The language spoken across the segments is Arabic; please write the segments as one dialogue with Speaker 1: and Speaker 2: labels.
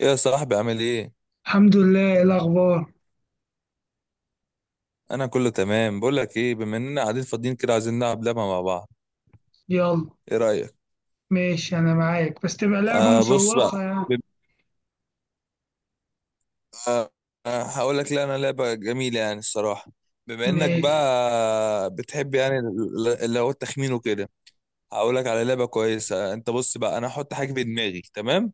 Speaker 1: إيه يا صاحبي، عامل ايه؟
Speaker 2: الحمد لله. إيه الأخبار؟
Speaker 1: انا كله تمام. بقول لك ايه، بما اننا قاعدين فاضيين كده، عايزين نلعب لعبه مع بعض.
Speaker 2: يلا.
Speaker 1: ايه رايك؟
Speaker 2: ماشي، أنا معاك، بس تبقى لعبة
Speaker 1: آه بص بقى،
Speaker 2: مشوقة يعني.
Speaker 1: بيبقى، آه هقول لك، لا انا لعبه جميله يعني الصراحه. بما انك
Speaker 2: ماشي.
Speaker 1: بقى بتحب يعني اللي هو التخمين وكده. هقول لك على لعبه كويسه. انت بص بقى، انا هحط حاجه في دماغي، تمام؟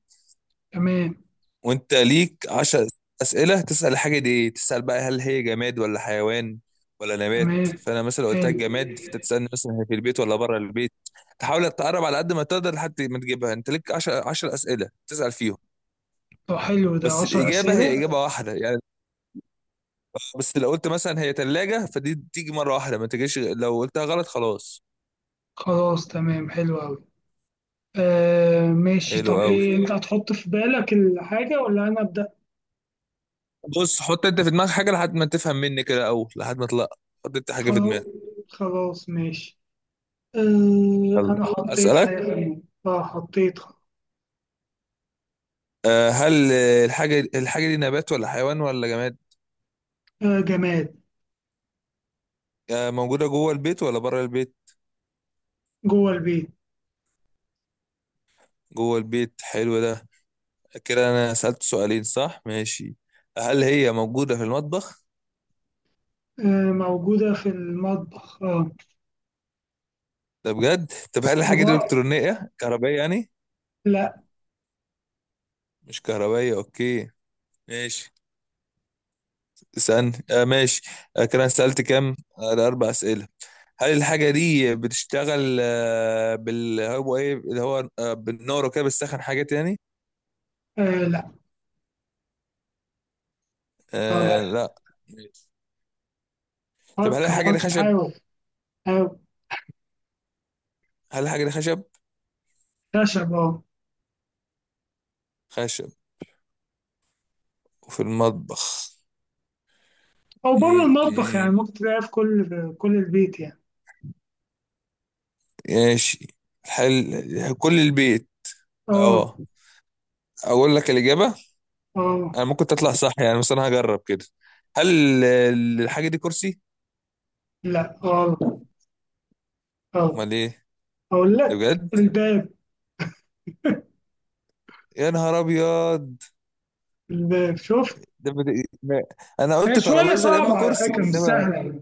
Speaker 2: تمام.
Speaker 1: وانت ليك عشر اسئله تسال الحاجه دي ايه. تسال بقى هل هي جماد ولا حيوان ولا نبات.
Speaker 2: تمام،
Speaker 1: فانا مثلا قلت لك
Speaker 2: حلو.
Speaker 1: جماد، فانت تسالني مثلا هي في البيت ولا بره البيت. تحاول تقرب على قد ما تقدر لحد ما تجيبها. انت ليك 10 اسئله تسال فيهم.
Speaker 2: طب حلو، ده
Speaker 1: بس
Speaker 2: عشر
Speaker 1: الاجابه هي
Speaker 2: أسئلة
Speaker 1: اجابه واحده يعني. آه، بس لو قلت مثلا هي ثلاجه، فدي تيجي مره واحده، ما تجيش. لو قلتها غلط خلاص.
Speaker 2: خلاص، تمام، حلو أوي. آه، ماشي،
Speaker 1: حلو
Speaker 2: طب
Speaker 1: قوي.
Speaker 2: إيه، أنت هتحط في بالك الحاجة ولا أنا أبدأ؟
Speaker 1: بص حط انت في دماغك حاجه لحد ما تفهم مني كده. اول لحد ما اطلع، حط انت حاجه في
Speaker 2: خلاص.
Speaker 1: دماغك.
Speaker 2: خلاص، ماشي. آه،
Speaker 1: يلا
Speaker 2: أنا حطيت
Speaker 1: اسالك.
Speaker 2: حاجة في دماغي. آه، حطيت.
Speaker 1: آه، هل، آه، الحاجة دي نبات ولا حيوان ولا جماد؟
Speaker 2: آه، جماد.
Speaker 1: آه، موجودة جوه البيت ولا بره البيت؟
Speaker 2: جوه البيت.
Speaker 1: جوه البيت، حلو ده. كده أنا سألت سؤالين، صح؟ ماشي. هل هي موجودة في المطبخ؟
Speaker 2: آه، موجودة في المطبخ،
Speaker 1: ده بجد؟ طب هل الحاجة دي
Speaker 2: وب-
Speaker 1: إلكترونية كهربائية يعني؟
Speaker 2: لا.
Speaker 1: مش كهربائية، أوكي، ماشي. اسألني. آه، ماشي. آه كده أنا سألت كام؟ آه ده أربع أسئلة. هل الحاجة دي بتشتغل، آه، بال، هو إيه اللي هو، آه، بالنار وكده، بتسخن حاجات يعني؟
Speaker 2: آه، لا.
Speaker 1: آه لا. طب هل
Speaker 2: فكر،
Speaker 1: الحاجة دي
Speaker 2: فكر،
Speaker 1: خشب؟
Speaker 2: حاول. حاول.
Speaker 1: هل الحاجة دي خشب؟
Speaker 2: خشب، اه.
Speaker 1: خشب، وفي المطبخ.
Speaker 2: او بره
Speaker 1: م-
Speaker 2: المطبخ
Speaker 1: م-
Speaker 2: يعني، ممكن تلاقيها في كل البيت يعني.
Speaker 1: ماشي. هل كل البيت؟
Speaker 2: اه.
Speaker 1: اه. اقول لك الإجابة.
Speaker 2: اه.
Speaker 1: انا ممكن تطلع صح يعني، بس انا هجرب كده. هل الحاجة دي كرسي؟
Speaker 2: لا، غلط. اه.
Speaker 1: امال ايه؟
Speaker 2: اقول
Speaker 1: ده
Speaker 2: لك
Speaker 1: بجد؟
Speaker 2: الباب.
Speaker 1: يا نهار ابيض.
Speaker 2: الباب، شوف.
Speaker 1: ده بد... ما- انا
Speaker 2: هي
Speaker 1: قلت
Speaker 2: شوية
Speaker 1: ترابيزة يا اما
Speaker 2: صعبة على
Speaker 1: كرسي،
Speaker 2: فكرة، مش
Speaker 1: انما.
Speaker 2: سهلة يعني.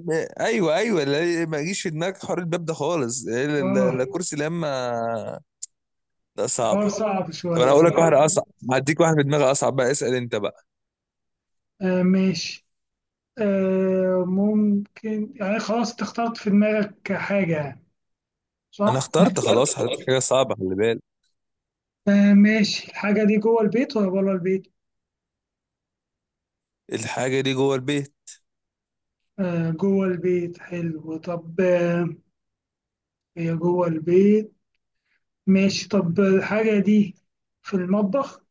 Speaker 1: ايوه ايوه، لا ما يجيش في دماغك حوار الباب ده خالص. إيه، لا لا
Speaker 2: اه،
Speaker 1: كرسي لا اما، لا صعبة.
Speaker 2: حوار صعب
Speaker 1: طب انا
Speaker 2: شوية،
Speaker 1: هقول لك
Speaker 2: آه.
Speaker 1: واحدة اصعب. هديك واحد في دماغي اصعب بقى، اسأل انت بقى.
Speaker 2: آه، ماشي. ممكن يعني، خلاص انت اخترت في دماغك حاجة يعني،
Speaker 1: انا
Speaker 2: صح؟
Speaker 1: اخترت خلاص، حطيت لي حاجه صعبه، خلي بالك.
Speaker 2: آه، ماشي، الحاجة دي جوه البيت ولا بره البيت؟
Speaker 1: الحاجه دي جوه البيت.
Speaker 2: آه، جوه البيت حلو. طب هي جوه البيت. ماشي، طب الحاجة دي في المطبخ؟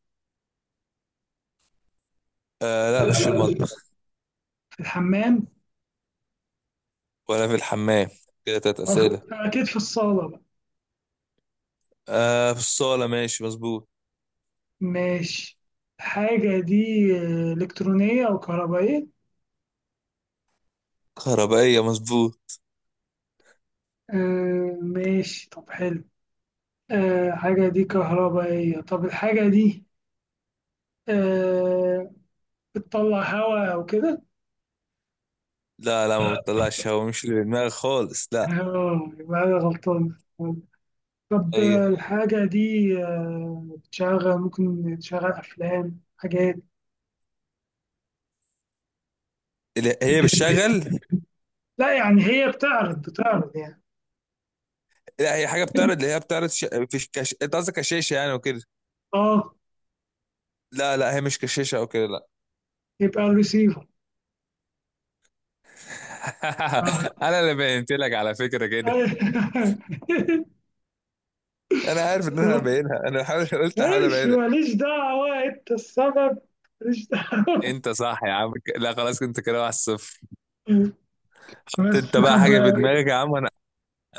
Speaker 1: آه لا مش في المطبخ.
Speaker 2: في الحمام؟
Speaker 1: ولا في الحمام. كده تلات
Speaker 2: وف-
Speaker 1: اسئله.
Speaker 2: أكيد في الصالة بقى.
Speaker 1: آه في الصاله، ماشي مظبوط.
Speaker 2: ماشي. الحاجة دي آه، إلكترونية أو كهربائية؟
Speaker 1: كهربائيه مظبوط.
Speaker 2: آه، ماشي، طب حلو. آه، الحاجة دي كهربائية. طب الحاجة دي آه، بتطلع هواء أو كده؟
Speaker 1: لا لا ما بتطلعش هوا، مش اللي في دماغي خالص لا.
Speaker 2: اه، يبقى أنا غلطان. طب
Speaker 1: هي،
Speaker 2: آه، الحاجة دي آه، بتشغل، ممكن تشغل أفلام، حاجات؟
Speaker 1: لا، هي بتشغل.
Speaker 2: لا يعني، هي بتعرض يعني.
Speaker 1: لا هي حاجه بتعرض، اللي هي بتعرض ش... في كش... انت قصدك كشاشه يعني وكده.
Speaker 2: اه،
Speaker 1: لا لا هي مش كشاشه او كده، لا.
Speaker 2: يبقى الريسيفر؟ اه.
Speaker 1: انا اللي بينت لك على فكره كده. انا عارف ان هبينها، انا حاول، قلت احاول
Speaker 2: ماشي،
Speaker 1: ابينها.
Speaker 2: ماليش دعوة، انت السبب. ماليش دعوة.
Speaker 1: انت صح يا عم. لا خلاص انت كده 1-0. انت
Speaker 2: بس
Speaker 1: بقى
Speaker 2: طب.
Speaker 1: حاجه في دماغك يا عم. انا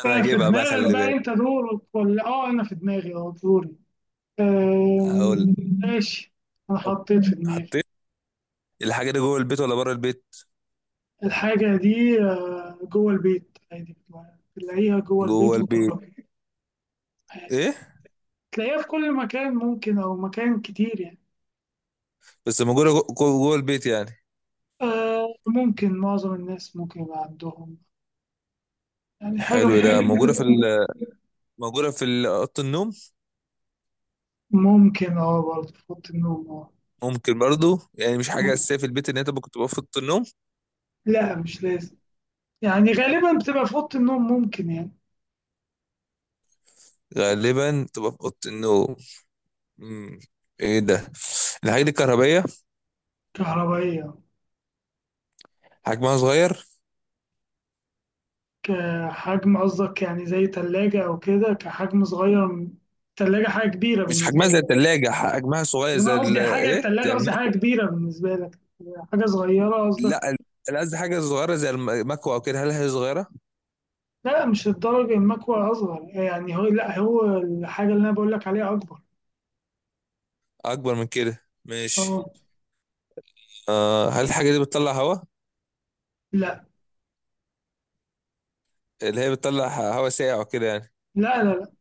Speaker 1: انا
Speaker 2: آه، في
Speaker 1: هجيبها بقى،
Speaker 2: دماغك
Speaker 1: خلي
Speaker 2: بقى،
Speaker 1: بالك.
Speaker 2: انت دورك ولا انا في دماغي؟ اه، دوري.
Speaker 1: هقول.
Speaker 2: آم، ماشي. انا
Speaker 1: حط-
Speaker 2: حطيت في دماغي.
Speaker 1: حطيت. الحاجه دي جوه البيت ولا بره البيت؟
Speaker 2: الحاجة دي آه، جوه البيت عادي. بتلاقيها جوه
Speaker 1: جوه
Speaker 2: البيت وبره
Speaker 1: البيت.
Speaker 2: البيت عادي.
Speaker 1: ايه؟
Speaker 2: تلاقيها في كل مكان ممكن او مكان كتير يعني.
Speaker 1: بس موجوده جوه البيت يعني.
Speaker 2: آه، ممكن، معظم الناس ممكن يبقى عندهم، يعني حاجة
Speaker 1: حلو ده. موجوده
Speaker 2: ممكن
Speaker 1: في ال... موجوده في اوضه النوم.
Speaker 2: ممكن اه، برضه في أوضة النوم، اه.
Speaker 1: ممكن برضو يعني، مش حاجه اساسيه في البيت ان انت ممكن تبقى في اوضه النوم.
Speaker 2: لا، مش لازم. يعني غالبا بتبقى في أوضة النوم، ممكن يعني.
Speaker 1: غالبا تبقى في اوضه النوم. مم. ايه ده. الحاجه دي كهربائيه.
Speaker 2: كهربائية.
Speaker 1: حجمها صغير.
Speaker 2: كحجم قصدك يعني زي تلاجة أو كده، كحجم صغير تلاجة. حاجة كبيرة
Speaker 1: مش
Speaker 2: بالنسبة
Speaker 1: حجمها زي
Speaker 2: لي.
Speaker 1: الثلاجه، حجمها صغير زي
Speaker 2: أنا
Speaker 1: ال...
Speaker 2: قصدي حاجة،
Speaker 1: ايه
Speaker 2: التلاجة
Speaker 1: زي
Speaker 2: قصدي حاجة
Speaker 1: المكوى.
Speaker 2: كبيرة بالنسبة لك. حاجة صغيرة قصدك؟
Speaker 1: لا انا قصدي حاجه صغيره زي المكوى او كده. هل هي صغيره؟
Speaker 2: لا، مش الدرجة، المكوى أصغر يعني هو، لا هو الحاجة اللي أنا بقول لك عليها أكبر.
Speaker 1: اكبر من كده، ماشي.
Speaker 2: اه.
Speaker 1: آه هل الحاجه دي بتطلع هواء؟
Speaker 2: لا
Speaker 1: اللي هي بتطلع هواء ساقع وكده يعني.
Speaker 2: لا لا. لا،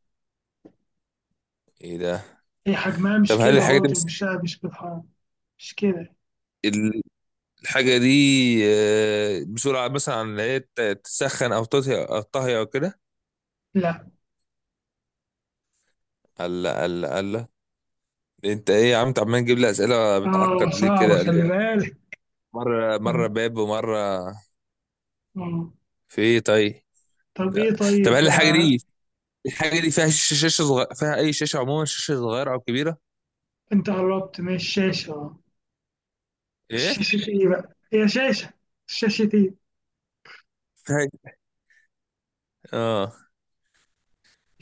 Speaker 1: ايه ده؟
Speaker 2: هي حجمها مش
Speaker 1: طب هل
Speaker 2: كده
Speaker 1: الحاجه دي
Speaker 2: برضه،
Speaker 1: بس
Speaker 2: مش بالحرام. مش كده.
Speaker 1: ال- الحاجه دي، آه، بسرعه مثلا، عن اللي هي تسخن او تطهي او كده؟
Speaker 2: لا.
Speaker 1: الله الله الله. انت ايه يا عم، انت عمال تجيب لي اسئله
Speaker 2: اه،
Speaker 1: بتعقد ليه
Speaker 2: صعبة،
Speaker 1: كده؟ قال لي،
Speaker 2: خلي بالك.
Speaker 1: مره مره
Speaker 2: اه.
Speaker 1: باب، ومره.
Speaker 2: آه.
Speaker 1: في ايه طيب.
Speaker 2: طب ايه
Speaker 1: لا. طب هل
Speaker 2: طيب؟
Speaker 1: الحاجه
Speaker 2: آه.
Speaker 1: دي، الحاجه دي فيها شاشه صغيره، فيها اي شاشه عموما، شاشه صغيره او كبيره؟
Speaker 2: انت قربت من الشاشة، اه. بس
Speaker 1: ايه
Speaker 2: شاشة ايه بقى؟ هي شاشة. شاشة ايه؟
Speaker 1: فيها اه،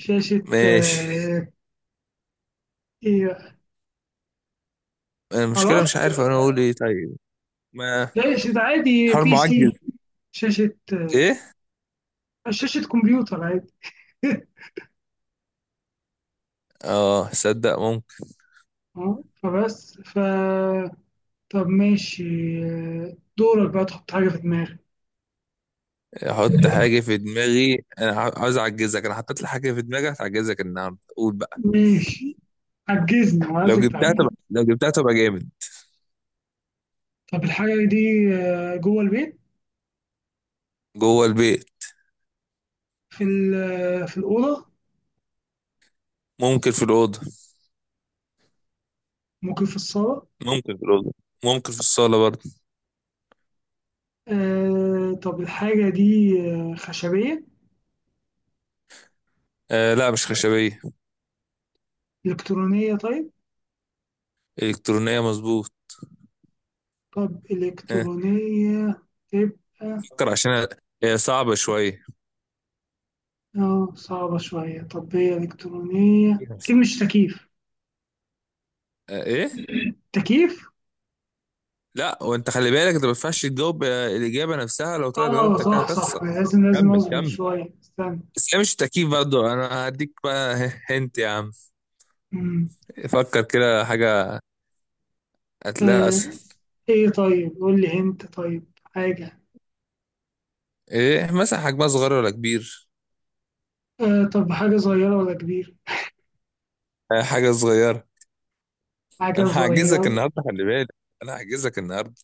Speaker 2: شاشة،
Speaker 1: ماشي.
Speaker 2: آه. ايه بقى؟
Speaker 1: المشكلة مش
Speaker 2: معرفش.
Speaker 1: عارف انا اقول ايه طيب. ما
Speaker 2: شاشة عادي،
Speaker 1: حوار
Speaker 2: PC.
Speaker 1: معجز.
Speaker 2: شاشة، آه.
Speaker 1: ايه،
Speaker 2: شاشة كمبيوتر عادي.
Speaker 1: اه صدق ممكن.
Speaker 2: اه، فبس، طب، ماشي. آه، دورك بقى تحط حاجة في دماغك.
Speaker 1: احط حاجة في دماغي. انا عاوز اعجزك. انا حطيت لي حاجة في دماغي هتعجزك النهاردة، قول بقى.
Speaker 2: ماشي، عجزني وعايزك تعجزني.
Speaker 1: لو جبتها تبقى جامد.
Speaker 2: طب الحاجة دي آه، جوه البيت؟
Speaker 1: جوه البيت.
Speaker 2: في ال- آه، في الأوضة؟
Speaker 1: ممكن في الأوضة
Speaker 2: ممكن في الصالة؟
Speaker 1: ممكن في الأوضة. ممكن في الصالة برضه.
Speaker 2: آه، طب الحاجة دي آه، خشبية؟
Speaker 1: آه لا مش خشبية.
Speaker 2: إلكترونية، طيب.
Speaker 1: إلكترونية مظبوط.
Speaker 2: طب
Speaker 1: آه،
Speaker 2: إلكترونية تبقى.
Speaker 1: فكر، عشان هي صعبة شوية.
Speaker 2: اه، صعبة شوية، طب هي إلكترونية، أكيد مش تكييف؟
Speaker 1: آه ايه.
Speaker 2: تكييف؟
Speaker 1: لا وانت خلي بالك، انت ما ينفعش تجاوب، آه، الإجابة نفسها لو طلعت غلط
Speaker 2: اه،
Speaker 1: انت كده
Speaker 2: صح
Speaker 1: هتخسر.
Speaker 2: صح، لازم لازم
Speaker 1: كمل
Speaker 2: أصبر
Speaker 1: كمل.
Speaker 2: شوية، استنى.
Speaker 1: بس هي مش تأكيد برضه، انا هديك بقى. هنت يا عم.
Speaker 2: مم.
Speaker 1: فكر كده حاجة هتلاقيها اسهل.
Speaker 2: آه، ايه طيب، قول لي انت طيب حاجة.
Speaker 1: ايه مثلا، حجمها صغير ولا كبير؟
Speaker 2: آه، طب حاجة صغيرة ولا كبيرة؟
Speaker 1: آه، حاجة صغيرة.
Speaker 2: حاجة
Speaker 1: انا هعجزك
Speaker 2: صغيرة.
Speaker 1: النهاردة خلي بالك. انا هعجزك النهاردة.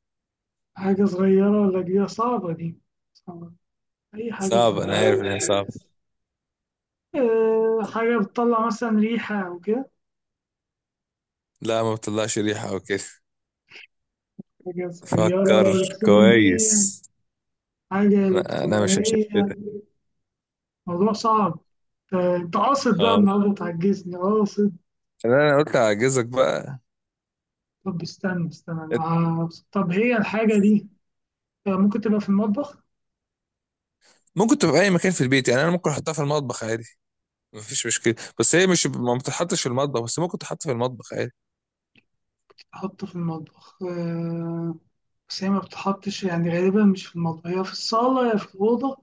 Speaker 2: حاجة صغيرة ولا كبيرة، صعبة دي. صعبة. أي حاجة
Speaker 1: صعب،
Speaker 2: صغيرة؟
Speaker 1: انا عارف انها صعبة.
Speaker 2: أه، حاجة بتطلع مثلا ريحة أو كده؟
Speaker 1: لا ما بتطلعش ريحة او كده.
Speaker 2: حاجة صغيرة
Speaker 1: فكر
Speaker 2: إلكترونية.
Speaker 1: كويس.
Speaker 2: حاجة
Speaker 1: انا مش
Speaker 2: إلكترونية.
Speaker 1: هشتتك.
Speaker 2: موضوع صعب. أنت قاصد بقى
Speaker 1: اه
Speaker 2: النهاردة تعجزني، قاصد.
Speaker 1: انا، قلت هعجزك بقى.
Speaker 2: طب استنى، استنى، أنا طب هي الحاجة دي أه، ممكن تبقى في المطبخ؟
Speaker 1: ممكن تبقى في اي مكان في البيت يعني، انا ممكن احطها في المطبخ عادي، مفيش مشكلة. بس هي مش، ما بتتحطش في المطبخ، بس ممكن تحط في المطبخ عادي.
Speaker 2: أحط في المطبخ، أه. بس هي ما بتحطش يعني، غالبا مش في المطبخ، هي في الصالة يا في الأوضة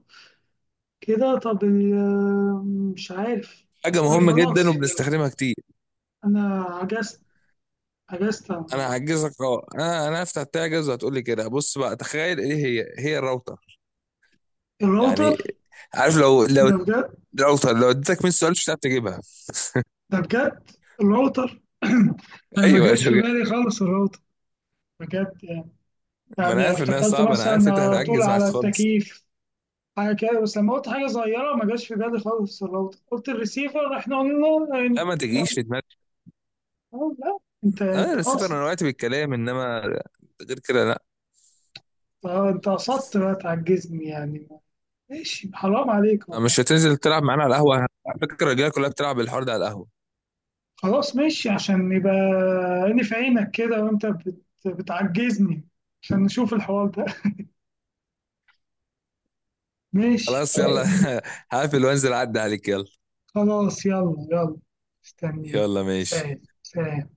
Speaker 2: كده. طب مش عارف.
Speaker 1: حاجة
Speaker 2: طيب،
Speaker 1: مهمة
Speaker 2: خلاص،
Speaker 1: جدا وبنستخدمها كتير.
Speaker 2: انا عجزت. عجزت عن
Speaker 1: انا
Speaker 2: الموضوع.
Speaker 1: هعجزك. اه انا هفتح تعجز وهتقولي كده. بص بقى، تخيل ايه، هي الراوتر يعني.
Speaker 2: الراوتر؟
Speaker 1: عارف، لو
Speaker 2: ده بجد؟
Speaker 1: الراوتر لو اديتك 100 سؤال مش هتعرف تجيبها.
Speaker 2: ده بجد. الراوتر. انا ما
Speaker 1: ايوه أنت
Speaker 2: جاش في
Speaker 1: بجد.
Speaker 2: بالي خالص الراوتر. بجد يعني.
Speaker 1: ما انا
Speaker 2: يعني
Speaker 1: عارف انها
Speaker 2: افتكرت
Speaker 1: صعبة، انا عارف انت
Speaker 2: مثلا طول
Speaker 1: هتعجز معاك
Speaker 2: على
Speaker 1: خالص.
Speaker 2: التكييف، حاجه كده، بس لما قلت حاجه صغيره ما جاش في بالي خالص الراوتر، قلت الريسيفر احنا قلنا.
Speaker 1: لا ما تجيش في دماغك،
Speaker 2: أه، لا. انت
Speaker 1: اه
Speaker 2: انت
Speaker 1: الرسيفر
Speaker 2: قاصد.
Speaker 1: انا وقعت بالكلام، انما غير كده لا.
Speaker 2: أه، انت قصدت بقى تعجزني يعني. ماشي، حرام عليك
Speaker 1: آه،
Speaker 2: والله.
Speaker 1: مش هتنزل تلعب معانا على القهوة؟ على فكرة الرجالة كلها بتلعب الحوار ده على القهوة.
Speaker 2: خلاص، ماشي، عشان يبقى عيني في عينك كده، وانت بتعجزني، عشان نشوف الحوار ده. ماشي.
Speaker 1: خلاص يلا. هقفل وانزل اعدي عليك. يلا
Speaker 2: خلاص، يلا، يلا. استنيك، يلا،
Speaker 1: يلا ماشي.
Speaker 2: سهل سهل.